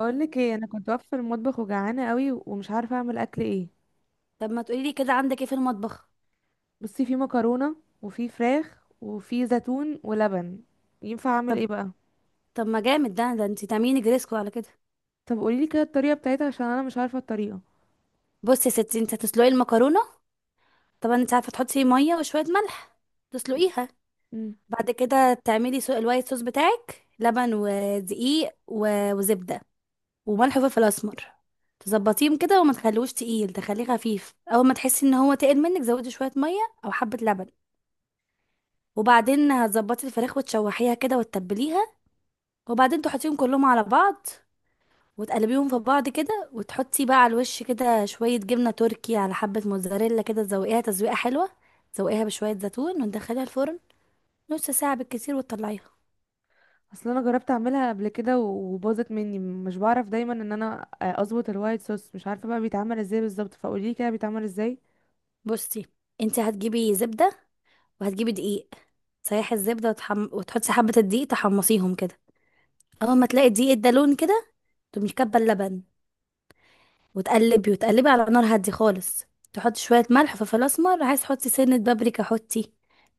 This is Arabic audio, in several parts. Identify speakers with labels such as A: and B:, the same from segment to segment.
A: اقول لك ايه، انا كنت واقفه في المطبخ وجعانه قوي ومش عارفه اعمل اكل ايه.
B: طب، ما تقولي لي كده عندك ايه في المطبخ؟
A: بصي، في مكرونه وفي فراخ وفي زيتون ولبن. ينفع اعمل ايه
B: طب.
A: بقى؟
B: ما جامد، ده انت تعملي جريسكو على كده.
A: طب قولي لي كده الطريقه بتاعتها عشان انا مش عارفه الطريقه.
B: بصي يا ستي، انت هتسلقي المكرونه. طبعا انت عارفه، تحطي فيه ميه وشويه ملح، تسلقيها.
A: امم
B: بعد كده تعملي الوايت صوص بتاعك، لبن ودقيق و... وزبده وملح وفلفل اسمر، تظبطيهم كده وما تخلوش تقيل، تخليه خفيف. اول ما تحسي ان هو تقل منك زودي شويه ميه او حبه لبن. وبعدين هتظبطي الفراخ وتشوحيها كده وتتبليها. وبعدين تحطيهم كلهم على بعض وتقلبيهم في بعض كده، وتحطي بقى على الوش كده شوية جبنة تركي على حبة موتزاريلا، كده تزوقيها تزويقة حلوة. تزوقيها بشوية زيتون وتدخليها الفرن نص ساعة بالكتير وتطلعيها.
A: اصل انا جربت اعملها قبل كده و- وباظت مني، مش بعرف دايما ان انا اظبط الوايت صوص، مش عارفه بقى بيتعمل ازاي بالظبط، فقولي لي كده بيتعمل ازاي.
B: بصي، انت هتجيبي زبدة وهتجيبي دقيق. تسيحي الزبدة وتحطي حبة الدقيق، تحمصيهم كده. أول ما تلاقي الدقيق ده لون كده، تقومي كبة اللبن وتقلبي وتقلبي على نار هادية خالص. تحطي شوية ملح وفلفل أسمر، عايز تحطي سنة بابريكا حطي.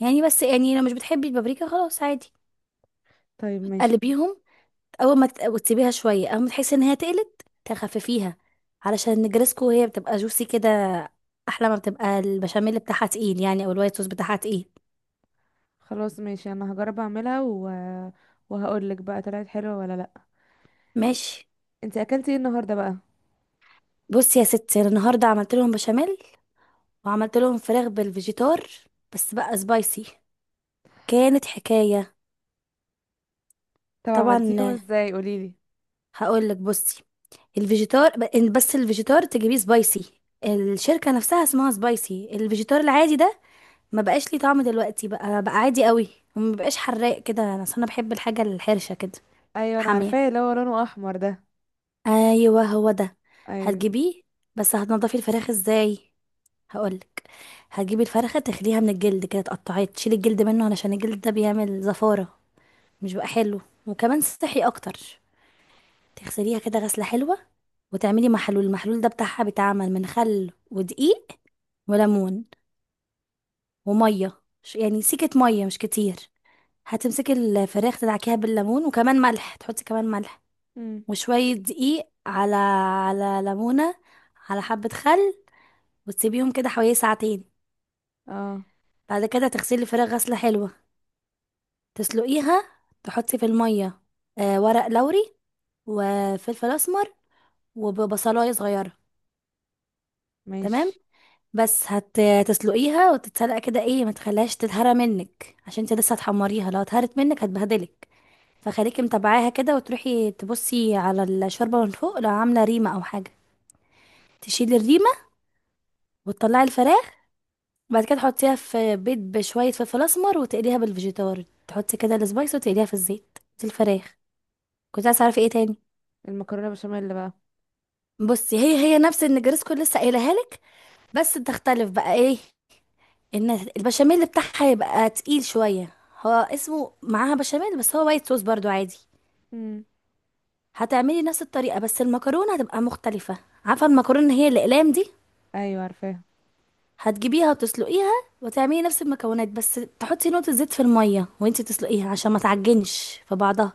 B: يعني بس يعني لو مش بتحبي البابريكا، خلاص عادي.
A: طيب ماشي.
B: تقلبيهم. اول ما تت- وتسيبيها شويه. اول ما تحسي ان هي تقلت تخففيها، علشان النجرسكو هي بتبقى جوسي كده. احلى ما بتبقى البشاميل بتاعها تقيل يعني، او الوايت صوص بتاعها تقيل.
A: خلاص ماشي، انا هجرب اعملها. وهقول لك بقى طلعت حلوه ولا لا.
B: ماشي.
A: انت اكلتي ايه النهارده بقى؟
B: بصي يا ستي، أنا النهارده عملت لهم بشاميل، وعملت لهم فراخ بالفيجيتار، بس بقى سبايسي. كانت حكايه.
A: طب عملتيهم
B: طبعا،
A: ازاي؟ قولي لي.
B: هقول لك. بصي، الفيجيتار إن بس الفيجيتار تجيبيه سبايسي، الشركه نفسها اسمها سبايسي. الفيجيتار العادي ده ما بقاش ليه طعم دلوقتي، بقى عادي قوي، وما بقاش حراق كده. انا أصل انا بحب الحاجه الحرشه كده.
A: ايوه، انا
B: حاميه.
A: عارفاه اللي هو لونه احمر ده.
B: ايوه هو ده.
A: ايوه.
B: هتجيبيه. بس هتنضفي الفراخ ازاي؟ هقولك. هتجيبي الفرخه تخليها من الجلد، كده تقطعيه تشيلي الجلد منه، علشان الجلد ده بيعمل زفاره، مش بقى حلو، وكمان صحي اكتر. تغسليها كده غسله حلوه، وتعملي محلول. المحلول ده بتاعها بيتعمل من خل ودقيق وليمون وميه يعني سيكه ميه مش كتير. هتمسكي الفراخ تدعكيها بالليمون، وكمان ملح، تحطي كمان ملح،
A: امم
B: وشوية دقيق على ليمونة، على حبة خل، وتسيبيهم كده حوالي ساعتين.
A: اه
B: بعد كده تغسلي الفراخ غسلة حلوة، تسلقيها، تحطي في المية ورق لوري وفلفل أسمر وبصلاية صغيرة. تمام.
A: ماشي.
B: بس هتسلقيها وتتسلق كده، ايه ما تخليهاش تتهرى منك، عشان انت لسه هتحمريها، لو اتهرت منك هتبهدلك. فخليكي متابعاها كده، وتروحي تبصي على الشوربة من فوق، لو عاملة ريمة أو حاجة تشيلي الريمة، وتطلعي الفراخ. بعد كده تحطيها في بيض بشوية فلفل أسمر، وتقليها بالفيجيتار، تحطي كده السبايس وتقليها في الزيت، دي الفراخ. كنت عايزة أعرف ايه تاني.
A: المكرونه بشاميل بقى؟
B: بصي، هي هي نفس النجرسكو اللي لسه قايلها لك، بس تختلف بقى ايه، ان البشاميل بتاعها يبقى تقيل شوية. هو اسمه معاها بشاميل، بس هو وايت صوص برضو عادي.
A: امم
B: هتعملي نفس الطريقة، بس المكرونة هتبقى مختلفة. عارفة المكرونة اللي هي الأقلام دي؟
A: ايوه عارفاه.
B: هتجيبيها وتسلقيها، وتعملي نفس المكونات، بس تحطي نقطة زيت في المية وانتي تسلقيها عشان ما تعجنش في بعضها،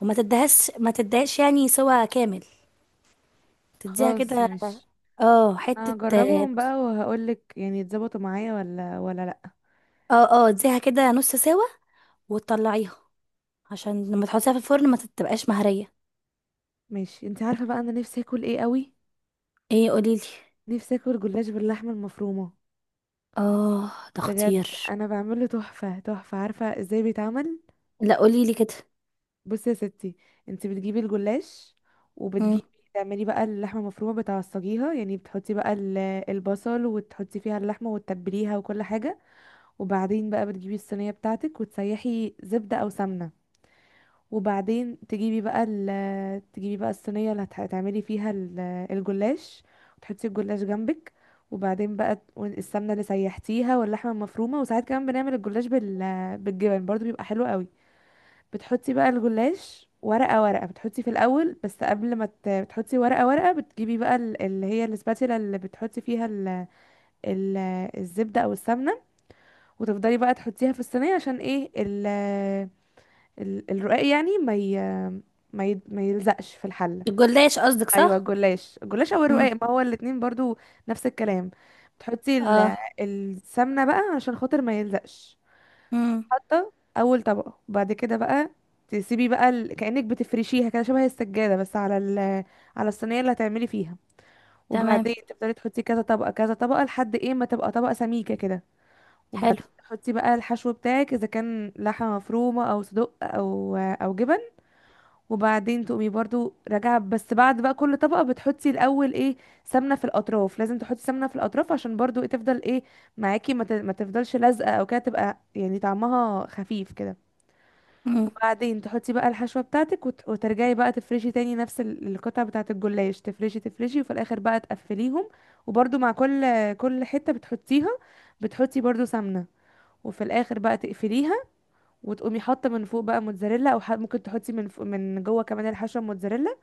B: وما تدهش ما تدهش، يعني سوا كامل. تديها
A: خلاص
B: كده.
A: ماشي،
B: اه
A: انا
B: حتة.
A: هجربهم بقى وهقول لك يعني اتظبطوا معايا ولا لا.
B: اه، اه، اديها كده نص سوا وتطلعيها، عشان لما تحطيها في الفرن ما تبقاش مهرية.
A: ماشي. انت عارفه بقى انا نفسي اكل ايه قوي؟
B: ايه؟ قوليلي.
A: نفسي اكل جلاش باللحمه المفرومه.
B: اه ده
A: بجد،
B: خطير.
A: انا بعمله تحفه تحفه. عارفه ازاي بيتعمل؟
B: لا، قوليلي كده.
A: بصي يا ستي، انت بتجيبي الجلاش
B: مم.
A: وبتجيبي، تعملي بقى اللحمه المفرومه بتعصجيها، يعني بتحطي بقى البصل وتحطي فيها اللحمه وتتبليها وكل حاجه. وبعدين بقى بتجيبي الصينيه بتاعتك وتسيحي زبده او سمنه. وبعدين تجيبي بقى الصينيه اللي هتعملي فيها الجلاش، وتحطي الجلاش جنبك. وبعدين بقى السمنه اللي سيحتيها واللحمه المفرومه. وساعات كمان بنعمل الجلاش بال، بالجبن برضو، بيبقى حلو قوي. بتحطي بقى الجلاش ورقة ورقة، بتحطي في الأول، بس قبل ما بتحطي ورقة ورقة بتجيبي بقى اللي هي الاسباتيلا اللي بتحطي فيها ال... الزبدة أو السمنة، وتفضلي بقى تحطيها في الصينية عشان ايه الرقاق يعني ما يلزقش في الحلة.
B: الجلاش قصدك
A: أيوة،
B: صح؟
A: الجلاش، الجلاش أو
B: مم.
A: الرقاق، ما هو الاتنين برضو نفس الكلام. بتحطي
B: اه.
A: السمنة بقى عشان خاطر ما يلزقش.
B: مم.
A: حاطه اول طبقه، بعد كده بقى تسيبي بقى كأنك بتفرشيها كده شبه السجادة، بس على على الصينية اللي هتعملي فيها.
B: تمام.
A: وبعدين تفضلي تحطي كذا طبقة كذا طبقة لحد ايه ما تبقى طبقة سميكة كده.
B: حلو.
A: وبعدين تحطي بقى الحشو بتاعك اذا كان لحمة مفرومة او صدق او جبن. وبعدين تقومي برضو راجعة، بس بعد بقى كل طبقة بتحطي الاول ايه، سمنة في الاطراف. لازم تحطي سمنة في الاطراف عشان برضو إيه تفضل ايه معاكي، ما تفضلش لازقة او كده، تبقى يعني طعمها خفيف كده.
B: مم.
A: وبعدين تحطي بقى الحشوة بتاعتك وترجعي بقى تفرشي تاني نفس القطع بتاعة الجلاش، تفرشي تفرشي وفي الآخر بقى تقفليهم. وبرضو مع كل حتة بتحطيها بتحطي برضو سمنة. وفي الآخر بقى تقفليها وتقومي حاطة من فوق بقى موتزاريلا أو ممكن تحطي من فوق، من جوه كمان الحشوة موتزاريلا،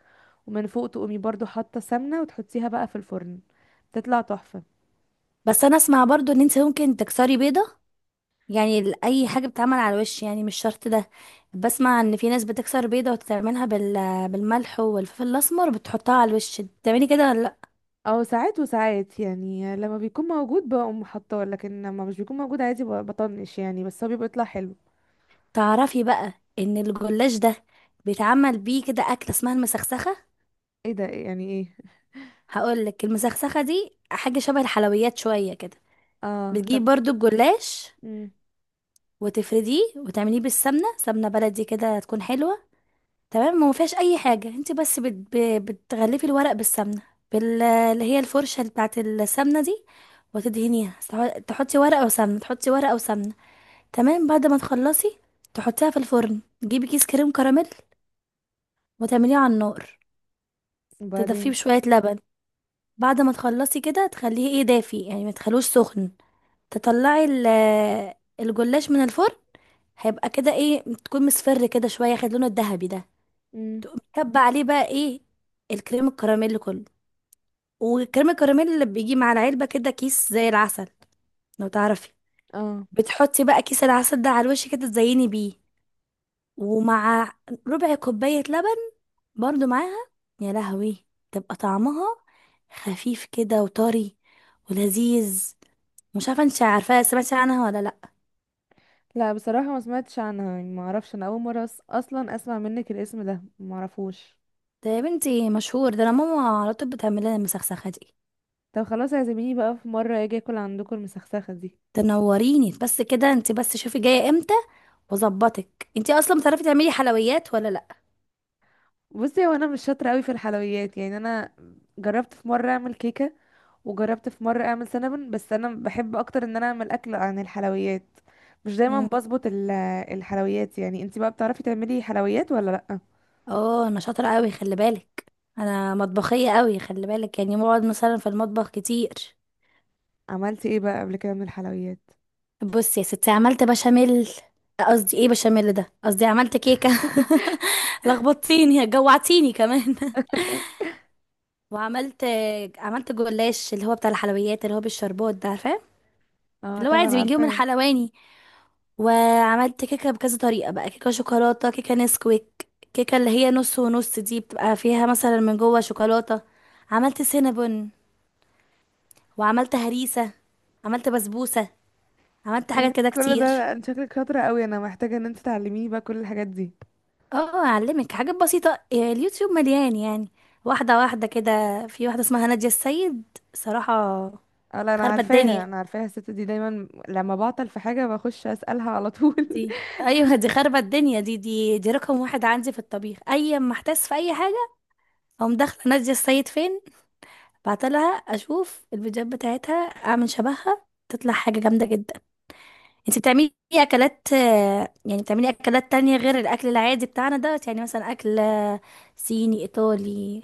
A: ومن فوق تقومي برضو حاطة سمنة وتحطيها بقى في الفرن. تطلع تحفة.
B: بس انا اسمع برضو ان انت ممكن تكسري بيضة، يعني اي حاجة بتتعمل على الوش، يعني مش شرط ده. بسمع ان في ناس بتكسر بيضة وتعملها بالملح والفلفل الاسمر، بتحطها على الوش. بتعملي كده ولا لا؟
A: أو ساعات وساعات، يعني لما بيكون موجود بقوم حاطاه، لكن لما مش بيكون موجود عادي بطنش يعني، بس هو بيبقى يطلع حلو.
B: تعرفي بقى ان الجلاش ده بيتعمل بيه كده اكلة اسمها المسخسخة؟
A: ايه ده؟ إيه؟ يعني ايه؟
B: هقولك، المسخسخة دي حاجة شبه الحلويات شوية كده.
A: اه
B: بتجيب
A: طب.
B: برضو الجلاش
A: امم
B: وتفرديه، وتعمليه بالسمنة، سمنة بلدي كده تكون حلوة. تمام، ما فيهاش اي حاجه، انت بس بتغلفي الورق بالسمنه، اللي هي الفرشه بتاعت السمنه دي، وتدهنيها، تحطي ورقه وسمنه، تحطي ورقه وسمنه. تمام، بعد ما تخلصي تحطيها في الفرن. تجيبي كيس كريم كراميل، وتعمليه على النار، تدفيه
A: وبعدين.
B: بشويه لبن. بعد ما تخلصي كده تخليه ايه دافي، يعني ما تخلوش سخن. تطلعي الجلاش من الفرن، هيبقى كده ايه تكون مصفر كده شويه، خد لونه الذهبي ده.
A: امم
B: تقوم كب عليه بقى ايه، الكريم الكراميل كله. والكريم الكراميل اللي بيجي مع العلبة كده، كيس زي العسل لو تعرفي.
A: اه
B: بتحطي بقى كيس العسل ده على الوش كده، تزيني بيه، ومع ربع كوباية لبن برضو معاها. يا لهوي، تبقى طعمها خفيف كده وطري ولذيذ. مش عارفة انت عارفاها، سمعتي عنها ولا لأ؟
A: لا، بصراحة ما سمعتش عنها، يعني ما اعرفش، انا اول مرة اصلا اسمع منك الاسم ده، ما اعرفوش.
B: ده يا بنتي مشهور، ده انا ماما على طول بتعمل لنا المسخسخة دي.
A: طب خلاص، اعزميني بقى في مرة اجي اكل عندكم المسخسخة دي.
B: تنوريني بس كده، انت بس شوفي جاية امتى واظبطك. انتي اصلا بتعرفي تعملي حلويات ولا لا؟
A: بصي، هو انا مش شاطرة قوي في الحلويات، يعني انا جربت في مرة اعمل كيكة وجربت في مرة اعمل سينابون، بس انا بحب اكتر ان انا اعمل اكل عن الحلويات. مش دايما
B: مم.
A: بظبط الحلويات، يعني انتي بقى بتعرفي تعملي حلويات ولا لأ؟
B: اه، انا شاطره قوي خلي بالك، انا مطبخيه قوي خلي بالك، يعني بقعد مثلا في المطبخ كتير.
A: عملتي ايه بقى قبل كده من الحلويات؟
B: بصي يا ستي، عملت بشاميل. قصدي ايه بشاميل ده، قصدي عملت كيكه. لخبطتيني، جوعتيني كمان. وعملت، عملت جلاش، اللي هو بتاع الحلويات، اللي هو بالشربات ده، عارفاه؟
A: اه
B: اللي هو
A: طبعا
B: عادي بنجيبه من
A: عارفاه.
B: حلواني. وعملت كيكة بكذا طريقة بقى، كيكة شوكولاتة، كيكة نسكويك، كيكة اللي هي نص ونص دي، بتبقى فيها مثلا من جوه شوكولاتة. عملت سينابون، وعملت هريسة، عملت بسبوسة، عملت
A: إيه،
B: حاجات كده
A: كل
B: كتير.
A: ده؟ انت شكلك شاطرة قوي، انا محتاجة ان انت تعلميني بقى كل الحاجات دي.
B: اه، اعلمك حاجات بسيطة. اليوتيوب مليان يعني. واحدة واحدة كده. في واحدة اسمها نادية السيد، صراحة
A: اه لا، انا
B: خربت
A: عارفاها
B: الدنيا.
A: انا عارفاها، الست دي دايما لما بعطل في حاجة بخش اسألها على طول.
B: دي ايوه، دي خربت الدنيا. دي رقم واحد عندي في الطبيخ. اي ما احتاس في اي حاجة اقوم داخلة نادية السيد فين، بعتلها، اشوف الفيديوهات بتاعتها، اعمل شبهها، تطلع حاجة جامدة جدا. انت بتعملي اكلات، يعني بتعملي اكلات تانية غير الاكل العادي بتاعنا ده، يعني مثلا اكل صيني، ايطالي،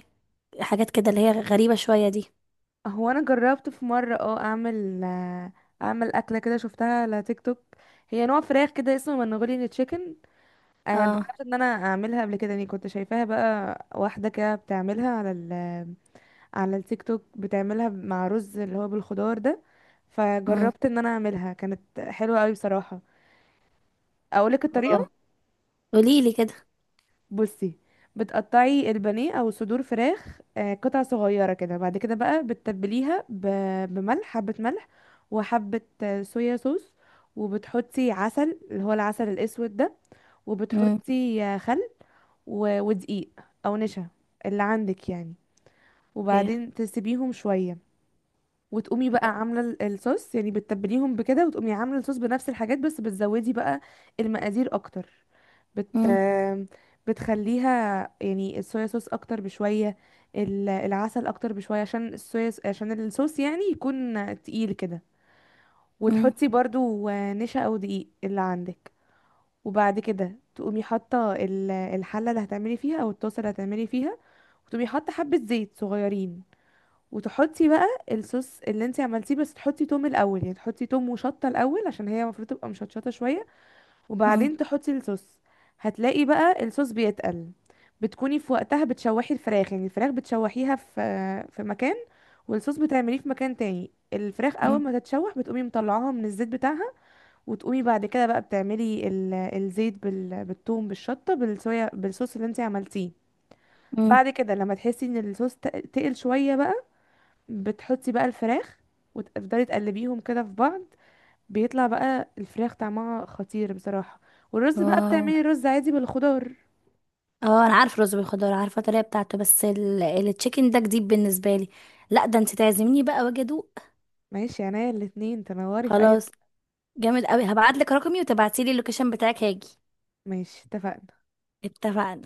B: حاجات كده اللي هي غريبة شوية دي؟
A: هو انا جربت في مرة اه اعمل اعمل اكلة كده شفتها على تيك توك. هي نوع فراخ كده اسمه منغوليان تشيكن. آه
B: اه.
A: جربت ان انا اعملها قبل كده، يعني كنت شايفاها بقى واحدة كده بتعملها على على التيك توك، بتعملها مع رز اللي هو بالخضار ده.
B: امم
A: فجربت ان انا اعملها، كانت حلوة قوي بصراحة. اقولك الطريقه.
B: اه، قوليلي كده.
A: بصي، بتقطعي البانيه او صدور فراخ قطع صغيره كده. بعد كده بقى بتتبليها بملح، حبه ملح، وحبه صويا صوص، وبتحطي عسل اللي هو العسل الاسود ده،
B: امم
A: وبتحطي خل ودقيق او نشا اللي عندك يعني.
B: اوكي.
A: وبعدين تسيبيهم شويه. وتقومي بقى عامله الصوص، يعني بتتبليهم بكده، وتقومي عامله الصوص بنفس الحاجات بس بتزودي بقى المقادير اكتر. بت
B: امم
A: بتخليها، يعني الصويا صوص اكتر بشويه، العسل اكتر بشويه، عشان الصويا عشان الصوص يعني يكون تقيل كده.
B: امم
A: وتحطي برضو نشا او دقيق اللي عندك. وبعد كده تقومي حاطه الحله اللي هتعملي فيها او الطاسه اللي هتعملي فيها، وتقومي حاطه حبه زيت صغيرين، وتحطي بقى الصوص اللي انت عملتيه، بس تحطي توم الاول، يعني تحطي توم وشطه الاول عشان هي المفروض تبقى مشطشطه شويه.
B: امم
A: وبعدين تحطي الصوص. هتلاقي بقى الصوص بيتقل. بتكوني في وقتها بتشوحي الفراخ، يعني الفراخ بتشوحيها في في مكان، والصوص بتعمليه في مكان تاني. الفراخ اول
B: امم
A: ما تتشوح بتقومي مطلعاها من الزيت بتاعها، وتقومي بعد كده بقى بتعملي الزيت بالثوم بالشطه بالصويا بالصوص اللي انت عملتيه.
B: أمم.
A: بعد كده لما تحسي ان الصوص تقل شويه بقى بتحطي بقى الفراخ وتفضلي تقلبيهم كده في بعض. بيطلع بقى الفراخ طعمها خطير بصراحة. والرز بقى
B: اه،
A: بتعملي رز عادي بالخضار.
B: اه، انا عارف رز بالخضار، عارفه الطريقه بتاعته، بس التشيكن ده جديد بالنسبه لي. لا ده انت تعزميني بقى واجي ادوق.
A: ماشي، عينيا الاتنين، تنوري في اي وقت.
B: خلاص، جامد قوي، هبعت لك رقمي وتبعتي لي اللوكيشن بتاعك هاجي.
A: ماشي اتفقنا.
B: اتفقنا.